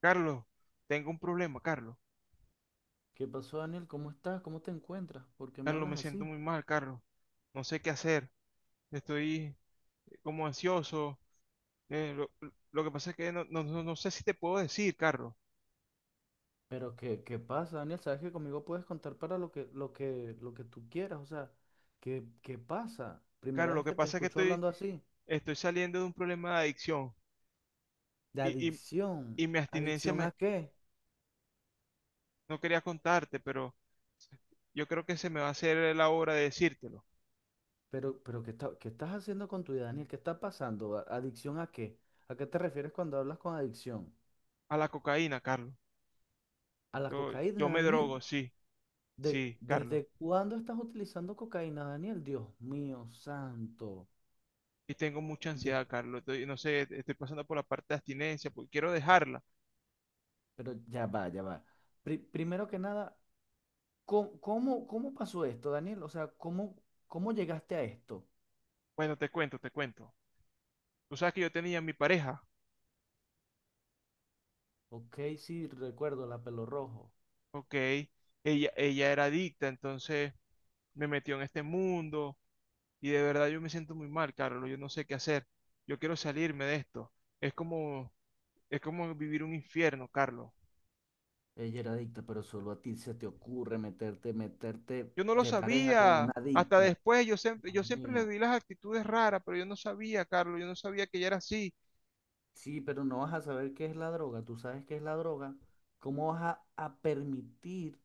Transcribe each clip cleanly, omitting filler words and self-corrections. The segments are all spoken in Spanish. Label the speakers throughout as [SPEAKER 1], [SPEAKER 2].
[SPEAKER 1] Carlos, tengo un problema, Carlos.
[SPEAKER 2] ¿Qué pasó, Daniel? ¿Cómo estás? ¿Cómo te encuentras? ¿Por qué me
[SPEAKER 1] Carlos, me
[SPEAKER 2] hablas
[SPEAKER 1] siento
[SPEAKER 2] así?
[SPEAKER 1] muy mal, Carlos. No sé qué hacer. Estoy como ansioso. Eh, lo, lo- que pasa es que no sé si te puedo decir, Carlos.
[SPEAKER 2] Pero ¿qué pasa, Daniel? Sabes que conmigo puedes contar para lo que tú quieras. O sea, ¿qué pasa?
[SPEAKER 1] Carlos,
[SPEAKER 2] Primera
[SPEAKER 1] lo
[SPEAKER 2] vez
[SPEAKER 1] que
[SPEAKER 2] que te
[SPEAKER 1] pasa es que
[SPEAKER 2] escucho
[SPEAKER 1] estoy,
[SPEAKER 2] hablando así.
[SPEAKER 1] estoy saliendo de un problema de adicción
[SPEAKER 2] De
[SPEAKER 1] y, y-
[SPEAKER 2] adicción.
[SPEAKER 1] y mi abstinencia
[SPEAKER 2] ¿Adicción a qué?
[SPEAKER 1] no quería contarte, pero yo creo que se me va a hacer la hora de decírtelo.
[SPEAKER 2] Pero ¿qué estás haciendo con tu vida, Daniel? ¿Qué está pasando? ¿Adicción a qué? ¿A qué te refieres cuando hablas con adicción?
[SPEAKER 1] A la cocaína, Carlos.
[SPEAKER 2] ¿A la
[SPEAKER 1] Yo
[SPEAKER 2] cocaína,
[SPEAKER 1] me drogo,
[SPEAKER 2] Daniel?
[SPEAKER 1] sí, sí, Carlos.
[SPEAKER 2] ¿Desde cuándo estás utilizando cocaína, Daniel? Dios mío, santo.
[SPEAKER 1] Y tengo mucha ansiedad, Carlos. No sé, estoy pasando por la parte de abstinencia porque quiero dejarla.
[SPEAKER 2] Pero ya va, ya va. Primero que nada, ¿cómo pasó esto, Daniel? O sea, ¿cómo llegaste a esto?
[SPEAKER 1] Bueno, te cuento, te cuento. Tú sabes que yo tenía mi pareja,
[SPEAKER 2] Ok, sí, recuerdo la pelo rojo.
[SPEAKER 1] ¿ok? Ella era adicta, entonces me metió en este mundo y de verdad yo me siento muy mal, Carlos. Yo no sé qué hacer. Yo quiero salirme de esto. Es como, es como vivir un infierno, Carlos.
[SPEAKER 2] Ella era adicta, pero solo a ti se te ocurre meterte
[SPEAKER 1] Yo no lo
[SPEAKER 2] de pareja con
[SPEAKER 1] sabía.
[SPEAKER 2] una
[SPEAKER 1] Hasta
[SPEAKER 2] adicta.
[SPEAKER 1] después yo siempre,
[SPEAKER 2] Dios
[SPEAKER 1] yo siempre le
[SPEAKER 2] mío.
[SPEAKER 1] vi las actitudes raras, pero yo no sabía, Carlos. Yo no sabía que ella era así.
[SPEAKER 2] Sí, pero no vas a saber qué es la droga. Tú sabes qué es la droga. ¿Cómo vas a permitir?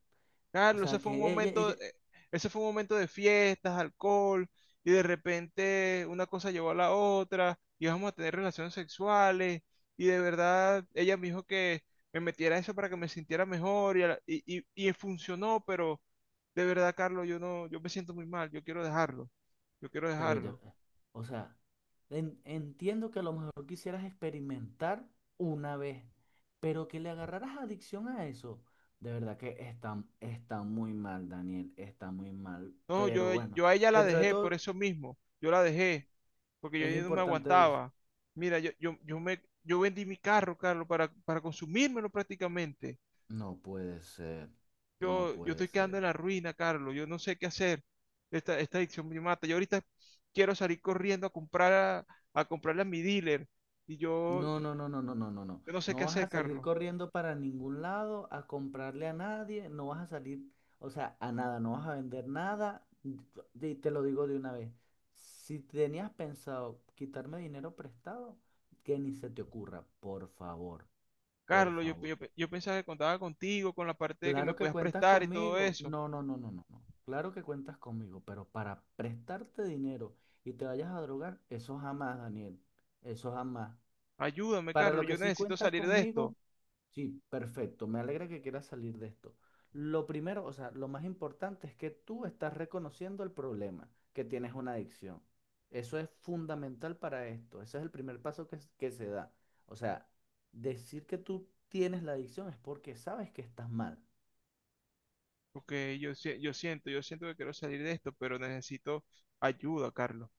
[SPEAKER 2] O
[SPEAKER 1] Claro, ese
[SPEAKER 2] sea,
[SPEAKER 1] fue un
[SPEAKER 2] que ella,
[SPEAKER 1] momento,
[SPEAKER 2] ella,
[SPEAKER 1] eh, ese fue un momento de fiestas, alcohol, y de repente una cosa llevó a la otra, y vamos a tener relaciones sexuales, y de verdad ella me dijo que me metiera eso para que me sintiera mejor, y, a la- y funcionó, pero de verdad, Carlos, yo no, yo me siento muy mal, yo quiero dejarlo, yo quiero
[SPEAKER 2] pero ya,
[SPEAKER 1] dejarlo.
[SPEAKER 2] o sea. Entiendo que a lo mejor quisieras experimentar una vez, pero que le agarraras adicción a eso, de verdad que está muy mal, Daniel, está muy mal.
[SPEAKER 1] No,
[SPEAKER 2] Pero
[SPEAKER 1] yo,
[SPEAKER 2] bueno,
[SPEAKER 1] yo a ella la
[SPEAKER 2] dentro de
[SPEAKER 1] dejé por
[SPEAKER 2] todo
[SPEAKER 1] eso mismo, yo la dejé, porque yo
[SPEAKER 2] es
[SPEAKER 1] ya no me
[SPEAKER 2] importante eso.
[SPEAKER 1] aguantaba. Mira, yo vendí mi carro, Carlos, para consumírmelo prácticamente.
[SPEAKER 2] No puede ser, no
[SPEAKER 1] Yo
[SPEAKER 2] puede
[SPEAKER 1] estoy quedando
[SPEAKER 2] ser.
[SPEAKER 1] en la ruina, Carlos. Yo no sé qué hacer. Esta adicción me mata. Yo ahorita quiero salir corriendo a comprarle a mi dealer. Y yo,
[SPEAKER 2] No, no, no, no, no, no, no, no.
[SPEAKER 1] yo no sé
[SPEAKER 2] No
[SPEAKER 1] qué
[SPEAKER 2] vas a
[SPEAKER 1] hacer,
[SPEAKER 2] salir
[SPEAKER 1] Carlos.
[SPEAKER 2] corriendo para ningún lado a comprarle a nadie, no vas a salir, o sea, a nada, no vas a vender nada. Y te lo digo de una vez. Si tenías pensado quitarme dinero prestado, que ni se te ocurra, por favor, por
[SPEAKER 1] Carlos, yo,
[SPEAKER 2] favor.
[SPEAKER 1] yo, yo pensaba que contaba contigo, con la parte de que me
[SPEAKER 2] Claro que
[SPEAKER 1] podías
[SPEAKER 2] cuentas
[SPEAKER 1] prestar y todo
[SPEAKER 2] conmigo.
[SPEAKER 1] eso.
[SPEAKER 2] No, no, no, no, no, no. Claro que cuentas conmigo, pero para prestarte dinero y te vayas a drogar, eso jamás, Daniel. Eso jamás.
[SPEAKER 1] Ayúdame,
[SPEAKER 2] Para lo
[SPEAKER 1] Carlos. Yo
[SPEAKER 2] que sí
[SPEAKER 1] necesito
[SPEAKER 2] cuentas
[SPEAKER 1] salir de esto.
[SPEAKER 2] conmigo. Sí, perfecto. Me alegra que quieras salir de esto. Lo primero, o sea, lo más importante es que tú estás reconociendo el problema, que tienes una adicción. Eso es fundamental para esto. Ese es el primer paso que se da. O sea, decir que tú tienes la adicción es porque sabes que estás mal.
[SPEAKER 1] Porque yo, si- yo siento que quiero salir de esto, pero necesito ayuda, Carlos.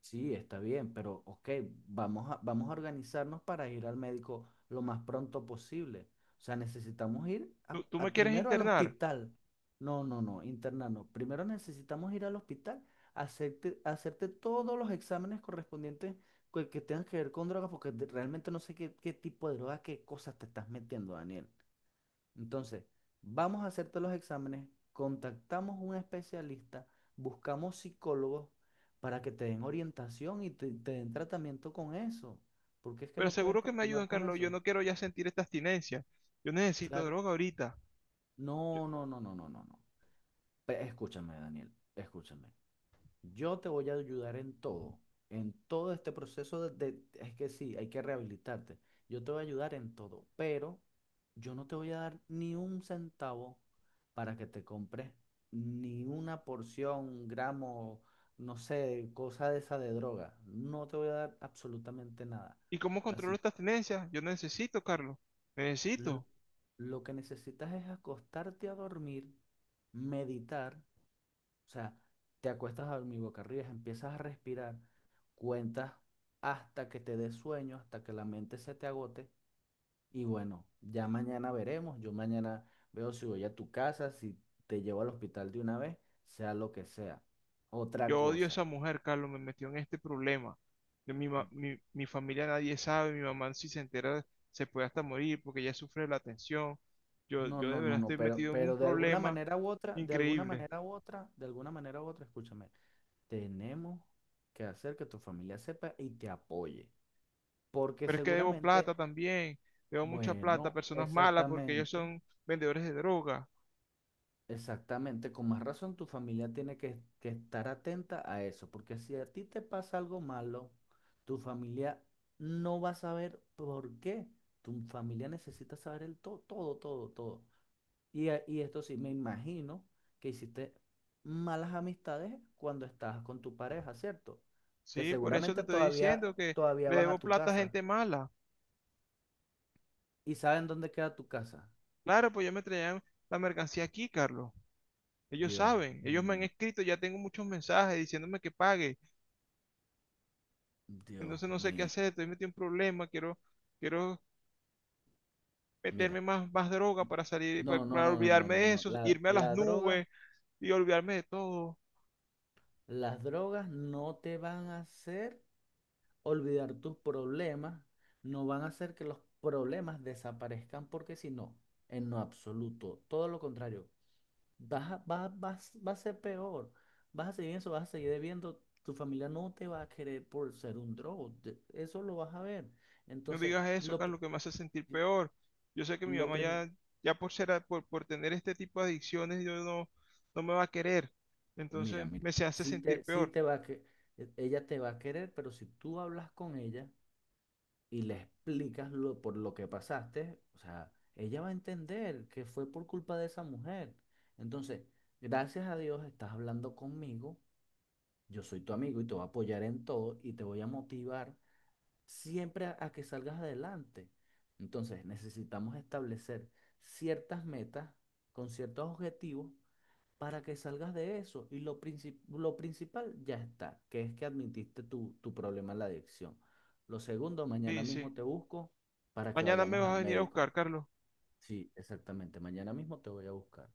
[SPEAKER 2] Sí, está bien, pero ok, vamos a organizarnos para ir al médico lo más pronto posible. O sea, necesitamos ir
[SPEAKER 1] Tú me quieres
[SPEAKER 2] primero al
[SPEAKER 1] internar,
[SPEAKER 2] hospital. No, no, no, interna no. Primero necesitamos ir al hospital, hacerte todos los exámenes correspondientes que tengan que ver con drogas, porque realmente no sé qué, qué tipo de droga, qué cosas te estás metiendo, Daniel. Entonces, vamos a hacerte los exámenes, contactamos un especialista, buscamos psicólogos para que te den orientación y te den tratamiento con eso, porque es que
[SPEAKER 1] pero
[SPEAKER 2] no puedes
[SPEAKER 1] seguro que me ayudan,
[SPEAKER 2] continuar con
[SPEAKER 1] Carlos. Yo
[SPEAKER 2] eso.
[SPEAKER 1] no quiero ya sentir esta abstinencia. Yo necesito
[SPEAKER 2] Claro,
[SPEAKER 1] droga ahorita. Yo-
[SPEAKER 2] no, no, no, no, no, no, no. Escúchame, Daniel, escúchame. Yo te voy a ayudar en todo este proceso es que sí, hay que rehabilitarte. Yo te voy a ayudar en todo, pero yo no te voy a dar ni un centavo para que te compres ni una porción, un gramo, no sé, cosa de esa de droga. No te voy a dar absolutamente nada.
[SPEAKER 1] ¿Y cómo controlo
[SPEAKER 2] Así,
[SPEAKER 1] esta abstinencia? Yo necesito, Carlos.
[SPEAKER 2] l-
[SPEAKER 1] Necesito.
[SPEAKER 2] lo que necesitas es acostarte a dormir, meditar, o sea, te acuestas a dormir boca arriba, empiezas a respirar, cuentas hasta que te des sueño, hasta que la mente se te agote. Y bueno, ya mañana veremos. Yo mañana veo si voy a tu casa, si te llevo al hospital de una vez, sea lo que sea. Otra
[SPEAKER 1] Yo odio a esa
[SPEAKER 2] cosa.
[SPEAKER 1] mujer, Carlos. Me metió en este problema. Mi familia nadie sabe. Mi mamá si se entera se puede hasta morir porque ella sufre la tensión. Yo,
[SPEAKER 2] No,
[SPEAKER 1] yo de
[SPEAKER 2] no, no,
[SPEAKER 1] verdad
[SPEAKER 2] no,
[SPEAKER 1] estoy
[SPEAKER 2] pero,
[SPEAKER 1] metido en un
[SPEAKER 2] pero de alguna
[SPEAKER 1] problema
[SPEAKER 2] manera u otra, de alguna
[SPEAKER 1] increíble.
[SPEAKER 2] manera u otra, de alguna manera u otra, escúchame, tenemos que hacer que tu familia sepa y te apoye. Porque
[SPEAKER 1] Pero es que debo
[SPEAKER 2] seguramente,
[SPEAKER 1] plata también. Debo mucha plata a
[SPEAKER 2] bueno,
[SPEAKER 1] personas malas porque ellos
[SPEAKER 2] exactamente.
[SPEAKER 1] son vendedores de droga.
[SPEAKER 2] Exactamente, con más razón tu familia tiene que estar atenta a eso, porque si a ti te pasa algo malo, tu familia no va a saber por qué. Tu familia necesita saber el to todo, todo, todo. Y esto sí, me imagino que hiciste malas amistades cuando estabas con tu pareja, ¿cierto? Que
[SPEAKER 1] Sí, por eso te
[SPEAKER 2] seguramente
[SPEAKER 1] estoy
[SPEAKER 2] todavía,
[SPEAKER 1] diciendo que
[SPEAKER 2] todavía
[SPEAKER 1] le
[SPEAKER 2] van
[SPEAKER 1] debo
[SPEAKER 2] a tu
[SPEAKER 1] plata a
[SPEAKER 2] casa
[SPEAKER 1] gente mala.
[SPEAKER 2] y saben dónde queda tu casa.
[SPEAKER 1] Claro, pues yo me traían la mercancía aquí, Carlos. Ellos
[SPEAKER 2] Dios
[SPEAKER 1] saben, ellos me han
[SPEAKER 2] mío,
[SPEAKER 1] escrito, ya tengo muchos mensajes diciéndome que pague.
[SPEAKER 2] Dios
[SPEAKER 1] Entonces no sé qué
[SPEAKER 2] mío.
[SPEAKER 1] hacer, estoy metido en un problema, quiero meterme
[SPEAKER 2] Mira.
[SPEAKER 1] más droga para salir, para,
[SPEAKER 2] No, no,
[SPEAKER 1] para
[SPEAKER 2] no, no, no,
[SPEAKER 1] olvidarme
[SPEAKER 2] no,
[SPEAKER 1] de
[SPEAKER 2] no.
[SPEAKER 1] eso,
[SPEAKER 2] La,
[SPEAKER 1] irme a las
[SPEAKER 2] la droga,
[SPEAKER 1] nubes y olvidarme de todo.
[SPEAKER 2] las drogas no te van a hacer olvidar tus problemas, no van a hacer que los problemas desaparezcan, porque si no, en lo absoluto, todo lo contrario, vas a, va, vas- va a ser peor, vas a seguir en eso, vas a seguir debiendo, tu familia no te va a querer por ser un drogo, eso lo vas a ver.
[SPEAKER 1] No
[SPEAKER 2] Entonces,
[SPEAKER 1] digas eso,
[SPEAKER 2] lo, pr-
[SPEAKER 1] Carlos, que me hace sentir peor. Yo sé que mi
[SPEAKER 2] lo
[SPEAKER 1] mamá
[SPEAKER 2] primero.
[SPEAKER 1] ya por ser, a- por tener este tipo de adicciones, yo no me va a querer.
[SPEAKER 2] Mira,
[SPEAKER 1] Entonces
[SPEAKER 2] mira,
[SPEAKER 1] me se hace sentir
[SPEAKER 2] sí
[SPEAKER 1] peor.
[SPEAKER 2] te va a que, e- ella te va a querer, pero si tú hablas con ella y le explicas por lo que pasaste, o sea, ella va a entender que fue por culpa de esa mujer. Entonces, gracias a Dios estás hablando conmigo, yo soy tu amigo y te voy a apoyar en todo y te voy a motivar siempre a que salgas adelante. Entonces, necesitamos establecer ciertas metas con ciertos objetivos para que salgas de eso. Y lo principal ya está, que es que admitiste tu problema en la adicción. Lo segundo, mañana
[SPEAKER 1] Sí, sí.
[SPEAKER 2] mismo te busco para que
[SPEAKER 1] Mañana me
[SPEAKER 2] vayamos
[SPEAKER 1] vas
[SPEAKER 2] al
[SPEAKER 1] a venir a
[SPEAKER 2] médico.
[SPEAKER 1] buscar, Carlos.
[SPEAKER 2] Sí, exactamente, mañana mismo te voy a buscar.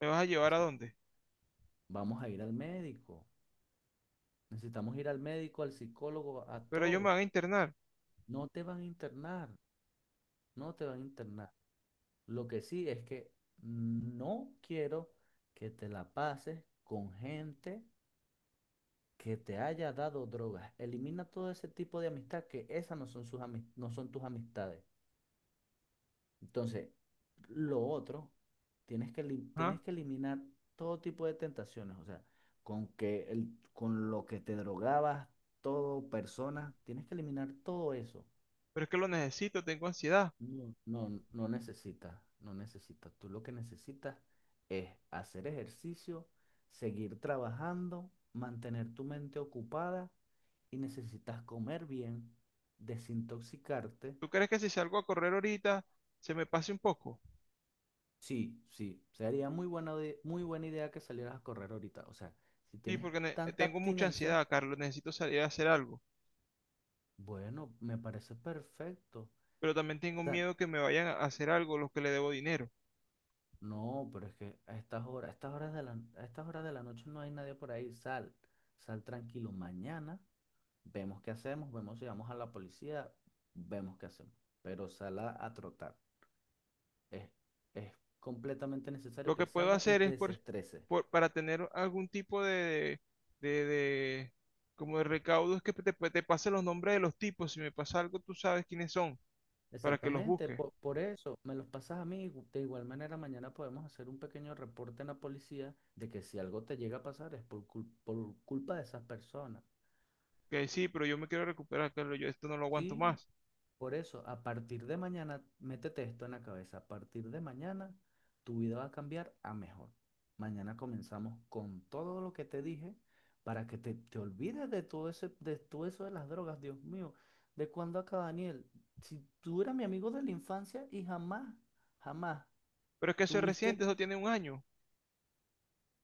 [SPEAKER 1] ¿Me vas a llevar a
[SPEAKER 2] Así.
[SPEAKER 1] dónde?
[SPEAKER 2] Vamos a ir al médico. Necesitamos ir al médico, al psicólogo, a
[SPEAKER 1] Pero ellos me
[SPEAKER 2] todo.
[SPEAKER 1] van a internar.
[SPEAKER 2] No te van a internar, no te van a internar. Lo que sí es que no quiero que te la pases con gente que te haya dado drogas. Elimina todo ese tipo de amistad que esas no son no son tus amistades. Entonces, lo otro, tienes que, elim-
[SPEAKER 1] ¿Ah?
[SPEAKER 2] tienes que eliminar todo tipo de tentaciones. O sea, con lo que te drogabas, todo, persona, tienes que eliminar todo eso.
[SPEAKER 1] Pero es que lo necesito, tengo ansiedad.
[SPEAKER 2] No, no, no necesitas, no necesitas. Tú lo que necesitas es hacer ejercicio, seguir trabajando, mantener tu mente ocupada y necesitas comer bien, desintoxicarte.
[SPEAKER 1] ¿Tú crees que si salgo a correr ahorita se me pase un poco?
[SPEAKER 2] Sí, sí, sería muy buena idea que salieras a correr ahorita. O sea, si
[SPEAKER 1] Sí,
[SPEAKER 2] tienes
[SPEAKER 1] porque
[SPEAKER 2] tanta
[SPEAKER 1] tengo mucha
[SPEAKER 2] abstinencia,
[SPEAKER 1] ansiedad, Carlos. Necesito salir a hacer algo.
[SPEAKER 2] bueno, me parece perfecto.
[SPEAKER 1] Pero también tengo miedo que me vayan a hacer algo los que le debo dinero.
[SPEAKER 2] No, pero es que a estas horas de la noche no hay nadie por ahí. Sal, sal tranquilo. Mañana vemos qué hacemos, vemos si vamos a la policía, vemos qué hacemos. Pero sal a trotar. Es, es completamente necesario
[SPEAKER 1] Lo
[SPEAKER 2] que
[SPEAKER 1] que puedo
[SPEAKER 2] salga y
[SPEAKER 1] hacer
[SPEAKER 2] te
[SPEAKER 1] es
[SPEAKER 2] desestreses.
[SPEAKER 1] para tener algún tipo de, de- como de recaudo es que te pase los nombres de los tipos. Si me pasa algo, tú sabes quiénes son para que los
[SPEAKER 2] Exactamente,
[SPEAKER 1] busques.
[SPEAKER 2] eso me los pasas a mí. De igual manera, mañana podemos hacer un pequeño reporte en la policía de que si algo te llega a pasar es por culpa de esas personas.
[SPEAKER 1] Que sí, pero yo me quiero recuperar, Carlos, yo esto no lo aguanto
[SPEAKER 2] Sí,
[SPEAKER 1] más.
[SPEAKER 2] por eso, a partir de mañana, métete esto en la cabeza. A partir de mañana, tu vida va a cambiar a mejor. Mañana comenzamos con todo lo que te dije para que te olvides de todo eso de las drogas. Dios mío, ¿de cuándo acá, Daniel? Si tú eras mi amigo de la infancia y jamás, jamás
[SPEAKER 1] Pero es que eso es
[SPEAKER 2] tuviste,
[SPEAKER 1] reciente, eso tiene un año.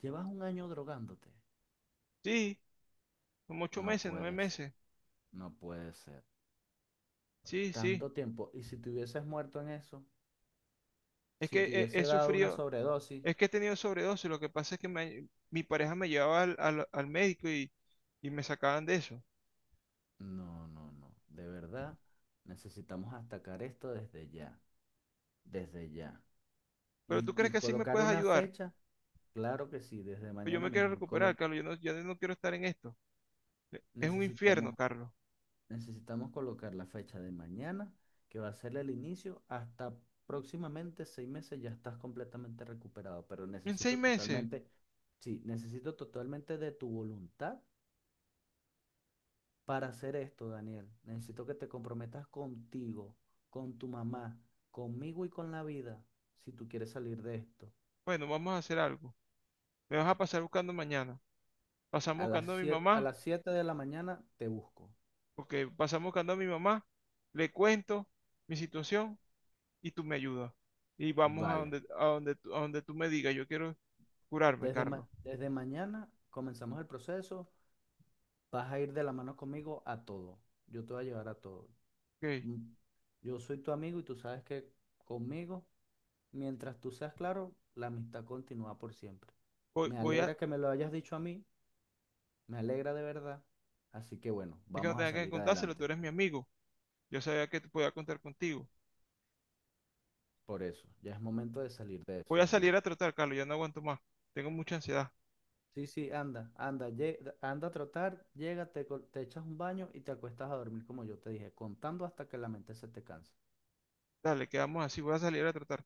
[SPEAKER 2] llevas un año drogándote.
[SPEAKER 1] Sí, como ocho
[SPEAKER 2] No
[SPEAKER 1] meses, nueve
[SPEAKER 2] puedes,
[SPEAKER 1] meses.
[SPEAKER 2] no puede ser.
[SPEAKER 1] Sí, sí.
[SPEAKER 2] Tanto tiempo. Y si te hubieses muerto en eso,
[SPEAKER 1] Es
[SPEAKER 2] si
[SPEAKER 1] que
[SPEAKER 2] te
[SPEAKER 1] he,
[SPEAKER 2] hubiese
[SPEAKER 1] he
[SPEAKER 2] dado una
[SPEAKER 1] sufrido, es
[SPEAKER 2] sobredosis.
[SPEAKER 1] que he tenido sobredosis. Lo que pasa es que mi pareja me llevaba al médico y me sacaban de eso.
[SPEAKER 2] No, no, no. De verdad, necesitamos atacar esto desde ya, desde ya.
[SPEAKER 1] Pero tú
[SPEAKER 2] Y,
[SPEAKER 1] crees
[SPEAKER 2] y
[SPEAKER 1] que así me
[SPEAKER 2] colocar
[SPEAKER 1] puedes
[SPEAKER 2] una
[SPEAKER 1] ayudar.
[SPEAKER 2] fecha, claro que sí, desde
[SPEAKER 1] Pues yo
[SPEAKER 2] mañana
[SPEAKER 1] me quiero
[SPEAKER 2] mismo.
[SPEAKER 1] recuperar, Carlos, yo no quiero estar en esto. Es un infierno,
[SPEAKER 2] Necesitamos,
[SPEAKER 1] Carlos.
[SPEAKER 2] necesitamos colocar la fecha de mañana, que va a ser el inicio, hasta próximamente 6 meses ya estás completamente recuperado. Pero
[SPEAKER 1] En seis meses,
[SPEAKER 2] sí, necesito totalmente de tu voluntad. Para hacer esto, Daniel, necesito que te comprometas contigo, con tu mamá, conmigo y con la vida, si tú quieres salir de esto.
[SPEAKER 1] bueno, vamos a hacer algo. Me vas a pasar buscando mañana. Pasamos
[SPEAKER 2] A las
[SPEAKER 1] buscando a mi
[SPEAKER 2] 7, a
[SPEAKER 1] mamá.
[SPEAKER 2] las siete de la mañana te busco.
[SPEAKER 1] Ok, pasamos buscando a mi mamá, le cuento mi situación y tú me ayudas. Y vamos a
[SPEAKER 2] Vale.
[SPEAKER 1] donde, a donde, tú- a donde tú me digas, yo quiero curarme,
[SPEAKER 2] Desde, ma-
[SPEAKER 1] Carlos.
[SPEAKER 2] desde mañana comenzamos el proceso. Vas a ir de la mano conmigo a todo. Yo te voy a llevar a todo.
[SPEAKER 1] Ok,
[SPEAKER 2] Mm. Yo soy tu amigo y tú sabes que conmigo, mientras tú seas claro, la amistad continúa por siempre.
[SPEAKER 1] voy,
[SPEAKER 2] Me
[SPEAKER 1] voy a,
[SPEAKER 2] alegra que me lo hayas dicho a mí. Me alegra de verdad. Así que bueno,
[SPEAKER 1] es que no
[SPEAKER 2] vamos a
[SPEAKER 1] tenga que
[SPEAKER 2] salir
[SPEAKER 1] contárselo, tú
[SPEAKER 2] adelante.
[SPEAKER 1] eres mi amigo. Yo sabía que te podía contar contigo.
[SPEAKER 2] Por eso, ya es momento de salir de
[SPEAKER 1] Voy
[SPEAKER 2] eso,
[SPEAKER 1] a
[SPEAKER 2] Daniel.
[SPEAKER 1] salir a trotar, Carlos, ya no aguanto más. Tengo mucha ansiedad.
[SPEAKER 2] Sí, sí, anda, anda, anda a trotar, llega, te echas un baño y te acuestas a dormir como yo te dije, contando hasta que la mente se te canse.
[SPEAKER 1] Dale, quedamos así, voy a salir a trotar.